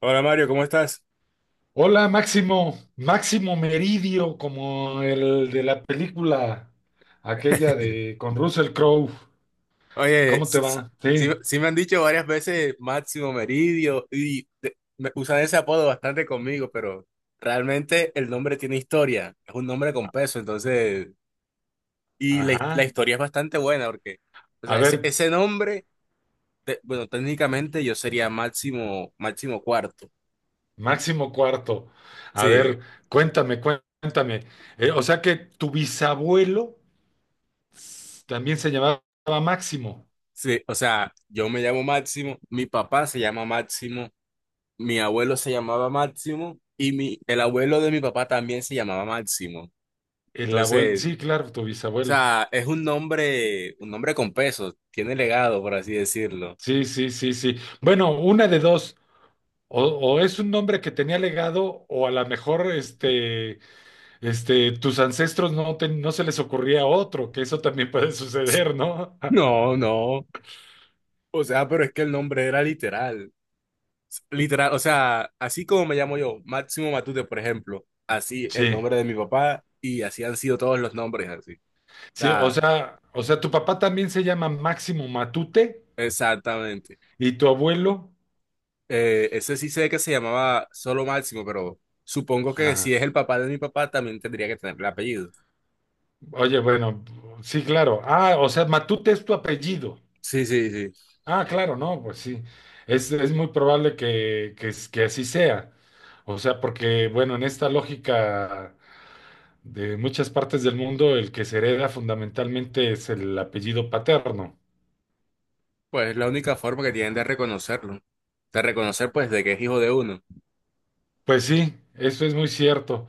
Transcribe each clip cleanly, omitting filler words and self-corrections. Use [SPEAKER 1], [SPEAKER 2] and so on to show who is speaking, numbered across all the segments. [SPEAKER 1] Hola Mario, ¿cómo estás?
[SPEAKER 2] Hola, Máximo, Máximo Meridio, como el de la película aquella de con Russell Crowe.
[SPEAKER 1] Oye,
[SPEAKER 2] ¿Cómo te
[SPEAKER 1] sí, sí,
[SPEAKER 2] va? Sí.
[SPEAKER 1] sí me han dicho varias veces Máximo Meridio y me usan ese apodo bastante conmigo, pero realmente el nombre tiene historia, es un nombre con peso, entonces, la
[SPEAKER 2] Ajá.
[SPEAKER 1] historia es bastante buena porque, o
[SPEAKER 2] A
[SPEAKER 1] sea,
[SPEAKER 2] ver,
[SPEAKER 1] ese nombre, bueno, técnicamente yo sería Máximo, Máximo Cuarto,
[SPEAKER 2] Máximo Cuarto. A
[SPEAKER 1] sí,
[SPEAKER 2] ver, cuéntame, cuéntame. O sea que tu bisabuelo también se llamaba Máximo.
[SPEAKER 1] sí, o sea, yo me llamo Máximo, mi papá se llama Máximo, mi abuelo se llamaba Máximo y el abuelo de mi papá también se llamaba Máximo.
[SPEAKER 2] El abuelo,
[SPEAKER 1] Entonces, o
[SPEAKER 2] sí, claro, tu bisabuelo.
[SPEAKER 1] sea, es un nombre con peso, tiene legado, por así decirlo.
[SPEAKER 2] Sí, sí, sí, sí. Bueno, una de dos. O es un nombre que tenía legado, o a lo mejor tus ancestros no se les ocurría otro, que eso también puede suceder, ¿no?
[SPEAKER 1] No, no. O sea, pero es que el nombre era literal. Literal, o sea, así como me llamo yo, Máximo Matute, por ejemplo, así el
[SPEAKER 2] Sí,
[SPEAKER 1] nombre de mi papá y así han sido todos los nombres así. O
[SPEAKER 2] sí,
[SPEAKER 1] sea,
[SPEAKER 2] o sea, tu papá también se llama Máximo Matute
[SPEAKER 1] exactamente.
[SPEAKER 2] y tu abuelo.
[SPEAKER 1] Ese sí sé que se llamaba Solo Máximo, pero supongo que
[SPEAKER 2] Ah,
[SPEAKER 1] si es el papá de mi papá, también tendría que tener el apellido.
[SPEAKER 2] oye, bueno, sí, claro. Ah, o sea, Matute es tu apellido.
[SPEAKER 1] Sí, sí, sí.
[SPEAKER 2] Ah, claro, no, pues sí. Es muy probable que así sea. O sea, porque, bueno, en esta lógica de muchas partes del mundo, el que se hereda fundamentalmente es el apellido paterno.
[SPEAKER 1] Pues es la única forma que tienen de reconocerlo. De reconocer, pues, de que es hijo de uno.
[SPEAKER 2] Pues sí, eso es muy cierto.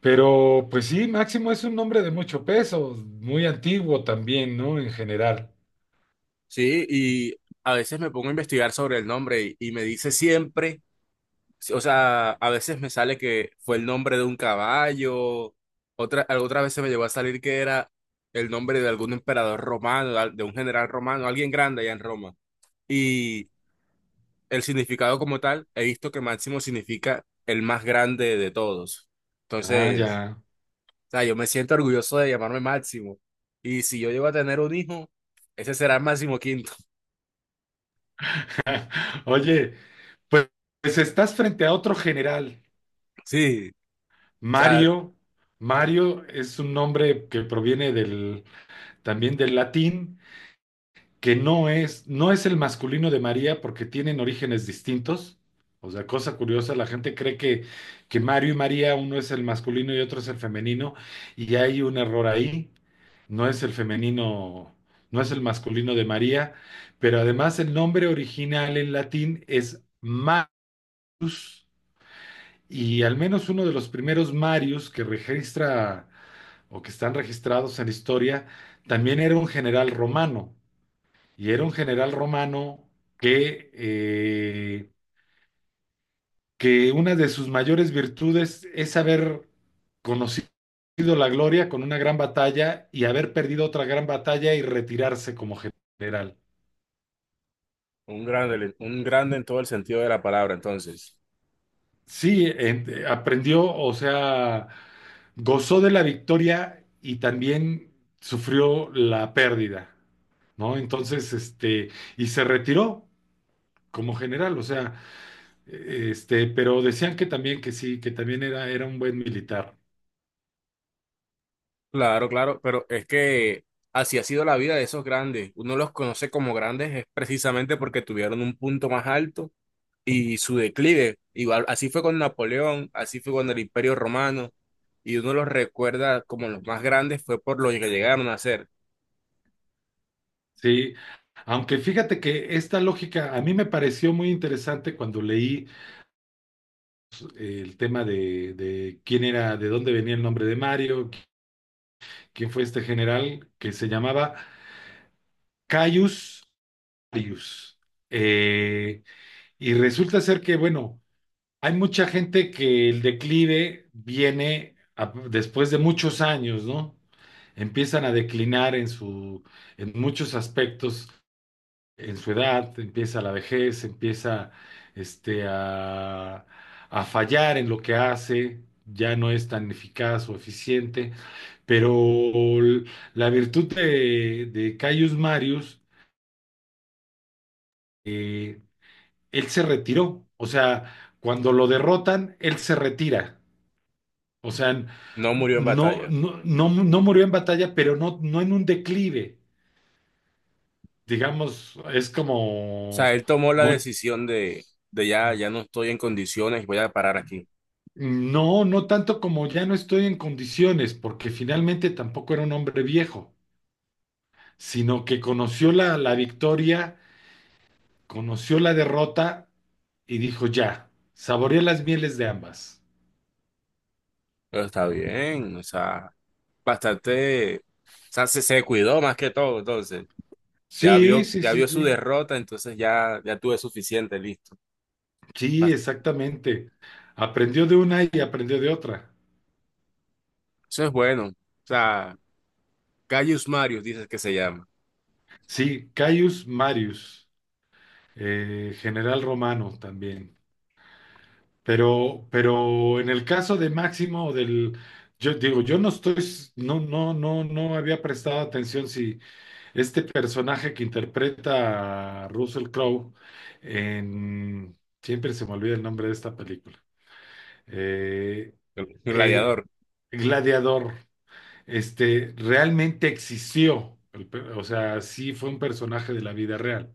[SPEAKER 2] Pero pues sí, Máximo es un nombre de mucho peso, muy antiguo también, ¿no? En general.
[SPEAKER 1] Sí, y a veces me pongo a investigar sobre el nombre y me dice siempre, si, o sea, a veces me sale que fue el nombre de un caballo, otra vez se me llegó a salir que era el nombre de algún emperador romano, de un general romano, alguien grande allá en Roma. Y el significado como tal, he visto que máximo significa el más grande de todos.
[SPEAKER 2] Ah,
[SPEAKER 1] Entonces,
[SPEAKER 2] ya.
[SPEAKER 1] o sea, yo me siento orgulloso de llamarme Máximo. Y si yo llego a tener un hijo, ese será Máximo Quinto.
[SPEAKER 2] Oye, pues, pues estás frente a otro general,
[SPEAKER 1] Sí, o sea,
[SPEAKER 2] Mario. Mario es un nombre que proviene también del latín, que no es, no es el masculino de María porque tienen orígenes distintos. O sea, cosa curiosa, la gente cree que Mario y María, uno es el masculino y otro es el femenino, y hay un error ahí. No es el femenino, no es el masculino de María, pero además el nombre original en latín es Marius, y al menos uno de los primeros Marius que registra o que están registrados en la historia también era un general romano, y era un general romano que que una de sus mayores virtudes es haber conocido la gloria con una gran batalla y haber perdido otra gran batalla y retirarse como general.
[SPEAKER 1] un grande en todo el sentido de la palabra, entonces.
[SPEAKER 2] Sí, aprendió, o sea, gozó de la victoria y también sufrió la pérdida, ¿no? Entonces, y se retiró como general, o sea, pero decían que también que sí, que también era un buen militar,
[SPEAKER 1] Claro, claro, pero es que así ha sido la vida de esos grandes. Uno los conoce como grandes es precisamente porque tuvieron un punto más alto y su declive. Igual, así fue con Napoleón, así fue con el Imperio Romano, y uno los recuerda como los más grandes fue por lo que llegaron a hacer.
[SPEAKER 2] ¿sí? Aunque fíjate que esta lógica a mí me pareció muy interesante cuando leí el tema de quién era, de dónde venía el nombre de Mario, quién fue este general que se llamaba Caius, varios. Eh, y resulta ser que, bueno, hay mucha gente que el declive viene después de muchos años, ¿no? Empiezan a declinar en muchos aspectos, en su edad, empieza la vejez, empieza este, a, a fallar en lo que hace, ya no es tan eficaz o eficiente, pero l- la virtud de Caius Marius, eh, él se retiró. O sea, cuando lo derrotan, él se retira. O sea,
[SPEAKER 1] No murió en
[SPEAKER 2] no,
[SPEAKER 1] batalla. O
[SPEAKER 2] no, no murió en batalla, pero no, no en un declive. Digamos, es como,
[SPEAKER 1] sea, él tomó la
[SPEAKER 2] no,
[SPEAKER 1] decisión de ya, ya no estoy en condiciones, voy a parar aquí.
[SPEAKER 2] no tanto como ya no estoy en condiciones, porque finalmente tampoco era un hombre viejo, sino que conoció la victoria, conoció la derrota y dijo ya, saboreé las mieles de ambas.
[SPEAKER 1] Pero está bien, o sea, bastante, o sea, se cuidó más que todo, entonces.
[SPEAKER 2] Sí, sí,
[SPEAKER 1] Ya
[SPEAKER 2] sí,
[SPEAKER 1] vio su
[SPEAKER 2] sí.
[SPEAKER 1] derrota, entonces ya, ya tuve suficiente, listo.
[SPEAKER 2] Sí,
[SPEAKER 1] Bast-
[SPEAKER 2] exactamente. Aprendió de una y aprendió de otra.
[SPEAKER 1] Eso es bueno. O sea, Gaius Marius dices que se llama,
[SPEAKER 2] Sí, Caius Marius, general romano también. Pero en el caso de Máximo, yo digo, yo no estoy, s- no, no, no había prestado atención si este personaje que interpreta a Russell Crowe en, siempre se me olvida el nombre de esta película. Eh,
[SPEAKER 1] el
[SPEAKER 2] eh,
[SPEAKER 1] gladiador.
[SPEAKER 2] Gladiador. Este, realmente existió. O sea, ¿sí fue un personaje de la vida real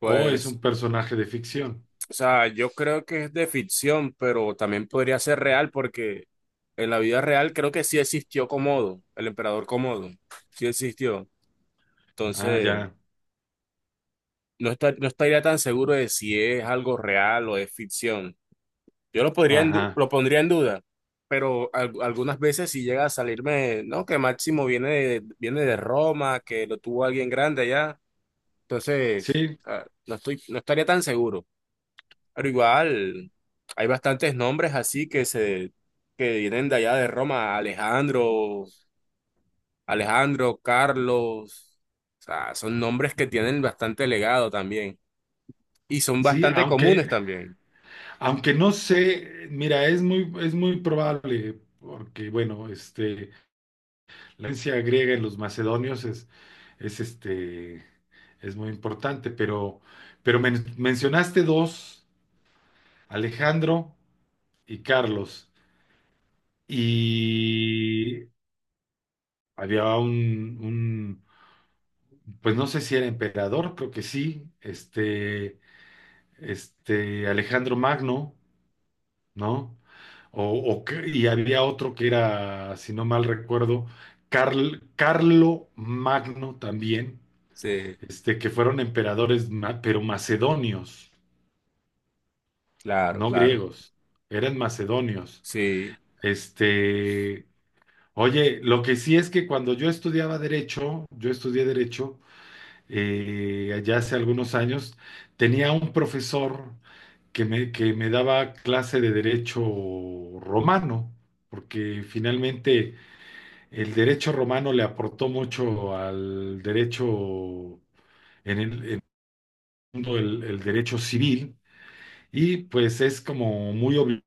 [SPEAKER 2] o es un personaje de ficción?
[SPEAKER 1] o sea, yo creo que es de ficción, pero también podría ser real porque en la vida real creo que sí existió Comodo, el emperador Comodo, sí existió.
[SPEAKER 2] Ah,
[SPEAKER 1] Entonces,
[SPEAKER 2] ya,
[SPEAKER 1] no está, no estaría tan seguro de si es algo real o es ficción. Yo lo podría
[SPEAKER 2] ajá,
[SPEAKER 1] lo pondría en duda, pero algunas veces si llega a salirme, no, que Máximo viene de Roma, que lo tuvo alguien grande allá, entonces,
[SPEAKER 2] sí,
[SPEAKER 1] ah, no estoy, no estaría tan seguro. Pero igual, hay bastantes nombres así que vienen de allá de Roma, Alejandro, Alejandro, Carlos, o sea, son nombres que tienen bastante legado también y son
[SPEAKER 2] sí,
[SPEAKER 1] bastante comunes
[SPEAKER 2] aunque,
[SPEAKER 1] también.
[SPEAKER 2] aunque no sé, mira, es muy probable, porque bueno, la herencia griega en los macedonios es es muy importante, pero mencionaste dos, Alejandro y Carlos. Y había pues no sé si era emperador, creo que sí, este Alejandro Magno, ¿no? O, o que- y había otro que era, si no mal recuerdo, Carlo Magno también,
[SPEAKER 1] Sí,
[SPEAKER 2] este, que fueron emperadores, pero macedonios,
[SPEAKER 1] claro,
[SPEAKER 2] no
[SPEAKER 1] claro.
[SPEAKER 2] griegos, eran macedonios.
[SPEAKER 1] Sí,
[SPEAKER 2] Este, oye, lo que sí es que cuando yo estudiaba derecho, yo estudié derecho, allá hace algunos años, tenía un profesor que me daba clase de derecho romano, porque finalmente el derecho romano le aportó mucho al derecho en el mundo, el derecho civil, y pues es como muy obligado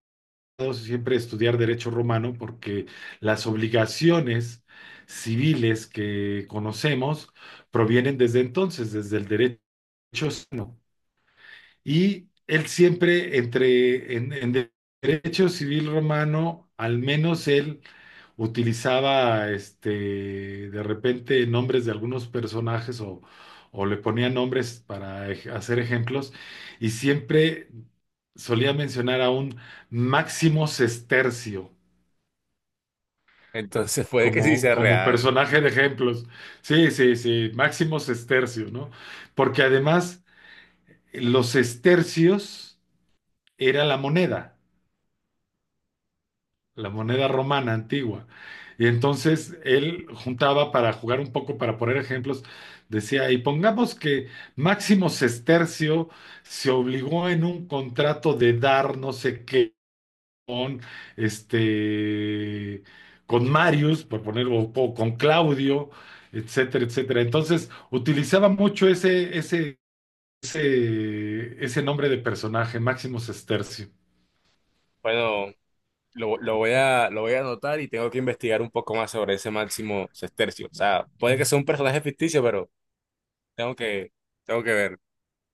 [SPEAKER 2] siempre estudiar derecho romano porque las obligaciones civiles que conocemos provienen desde entonces, desde el derecho romano. Y él siempre en derecho civil romano, al menos él utilizaba este de repente nombres de algunos personajes o le ponía nombres para hacer ejemplos y siempre solía mencionar a un Máximo Sestercio
[SPEAKER 1] entonces puede que sí
[SPEAKER 2] como,
[SPEAKER 1] sea
[SPEAKER 2] como
[SPEAKER 1] real.
[SPEAKER 2] personaje de ejemplos. Sí, sí, sí, Máximo Sestercio, ¿no? Porque además los sestercios era la moneda, la moneda romana antigua. Y entonces él juntaba para jugar un poco, para poner ejemplos, decía, y pongamos que Máximo Sestercio se obligó en un contrato de dar no sé qué con este con Marius, por ponerlo, o con Claudio, etcétera, etcétera. Entonces utilizaba mucho ese nombre de personaje, Máximo Sestercio.
[SPEAKER 1] Bueno, lo voy a anotar y tengo que investigar un poco más sobre ese Máximo Sestercio. O sea, puede que sea un personaje ficticio, pero tengo que tengo que ver.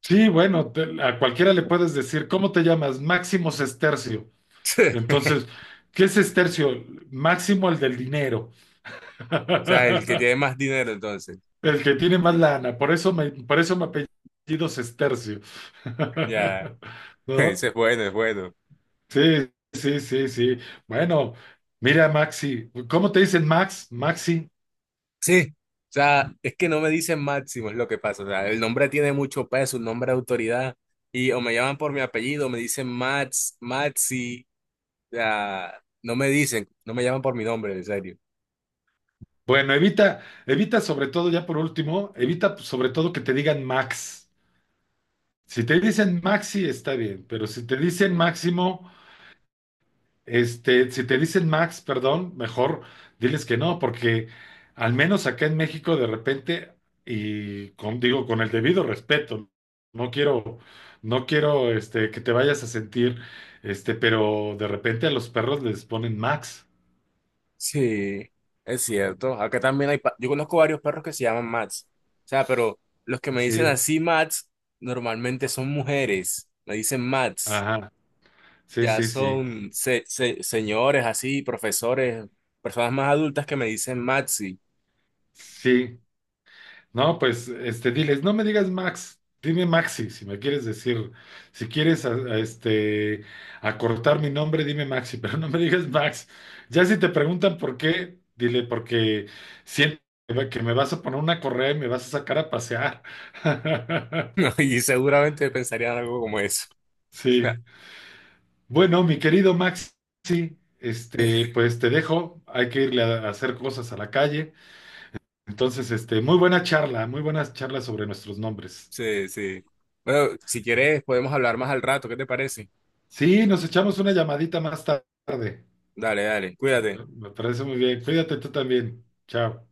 [SPEAKER 2] Sí, bueno, a cualquiera le puedes decir, ¿cómo te llamas? Máximo Sestercio. Entonces, ¿qué es Sestercio? Máximo el del dinero.
[SPEAKER 1] sea, el que tiene más dinero, entonces.
[SPEAKER 2] El que tiene más lana. Por eso me apellido Sestercio.
[SPEAKER 1] Ya,
[SPEAKER 2] ¿No?
[SPEAKER 1] ese es bueno, es bueno.
[SPEAKER 2] Sí, sí, sí, sí. Bueno, mira, Maxi, ¿cómo te dicen Max? Maxi.
[SPEAKER 1] Sí, o sea, es que no me dicen Máximo, es lo que pasa. O sea, el nombre tiene mucho peso, un nombre de autoridad. Y o me llaman por mi apellido, me dicen Max, Maxi. O sea, no me dicen, no me llaman por mi nombre, en serio.
[SPEAKER 2] Bueno, evita, evita sobre todo, ya por último, evita sobre todo que te digan Max. Si te dicen Maxi, está bien, pero si te dicen Máximo, este, si te dicen Max, perdón, mejor diles que no, porque al menos acá en México de repente, y con, digo, con el debido respeto, no quiero, no quiero, este, que te vayas a sentir, este, pero de repente a los perros les ponen Max.
[SPEAKER 1] Sí, es cierto. Acá también hay, yo conozco varios perros que se llaman Max. O sea, pero los que me dicen
[SPEAKER 2] Sí,
[SPEAKER 1] así Max, normalmente son mujeres. Me dicen Max.
[SPEAKER 2] ajá, sí,
[SPEAKER 1] Ya
[SPEAKER 2] sí, sí,
[SPEAKER 1] son señores así, profesores, personas más adultas que me dicen Maxi,
[SPEAKER 2] sí. No, pues este, diles, no me digas Max, dime Maxi, si me quieres decir, si quieres este, acortar mi nombre, dime Maxi, pero no me digas Max. Ya si te preguntan por qué, dile, porque siento que me vas a poner una correa y me vas a sacar a pasear.
[SPEAKER 1] ¿no? Y seguramente pensarían algo como eso.
[SPEAKER 2] Sí. Bueno, mi querido Maxi, este, pues te dejo, hay que irle a hacer cosas a la calle. Entonces, este, muy buena charla, muy buenas charlas sobre nuestros nombres.
[SPEAKER 1] Sí, sí. Bueno, si quieres podemos hablar más al rato, ¿qué te parece?
[SPEAKER 2] Sí, nos echamos una llamadita más tarde.
[SPEAKER 1] Dale, dale, cuídate.
[SPEAKER 2] Me parece muy bien. Cuídate tú también. Chao.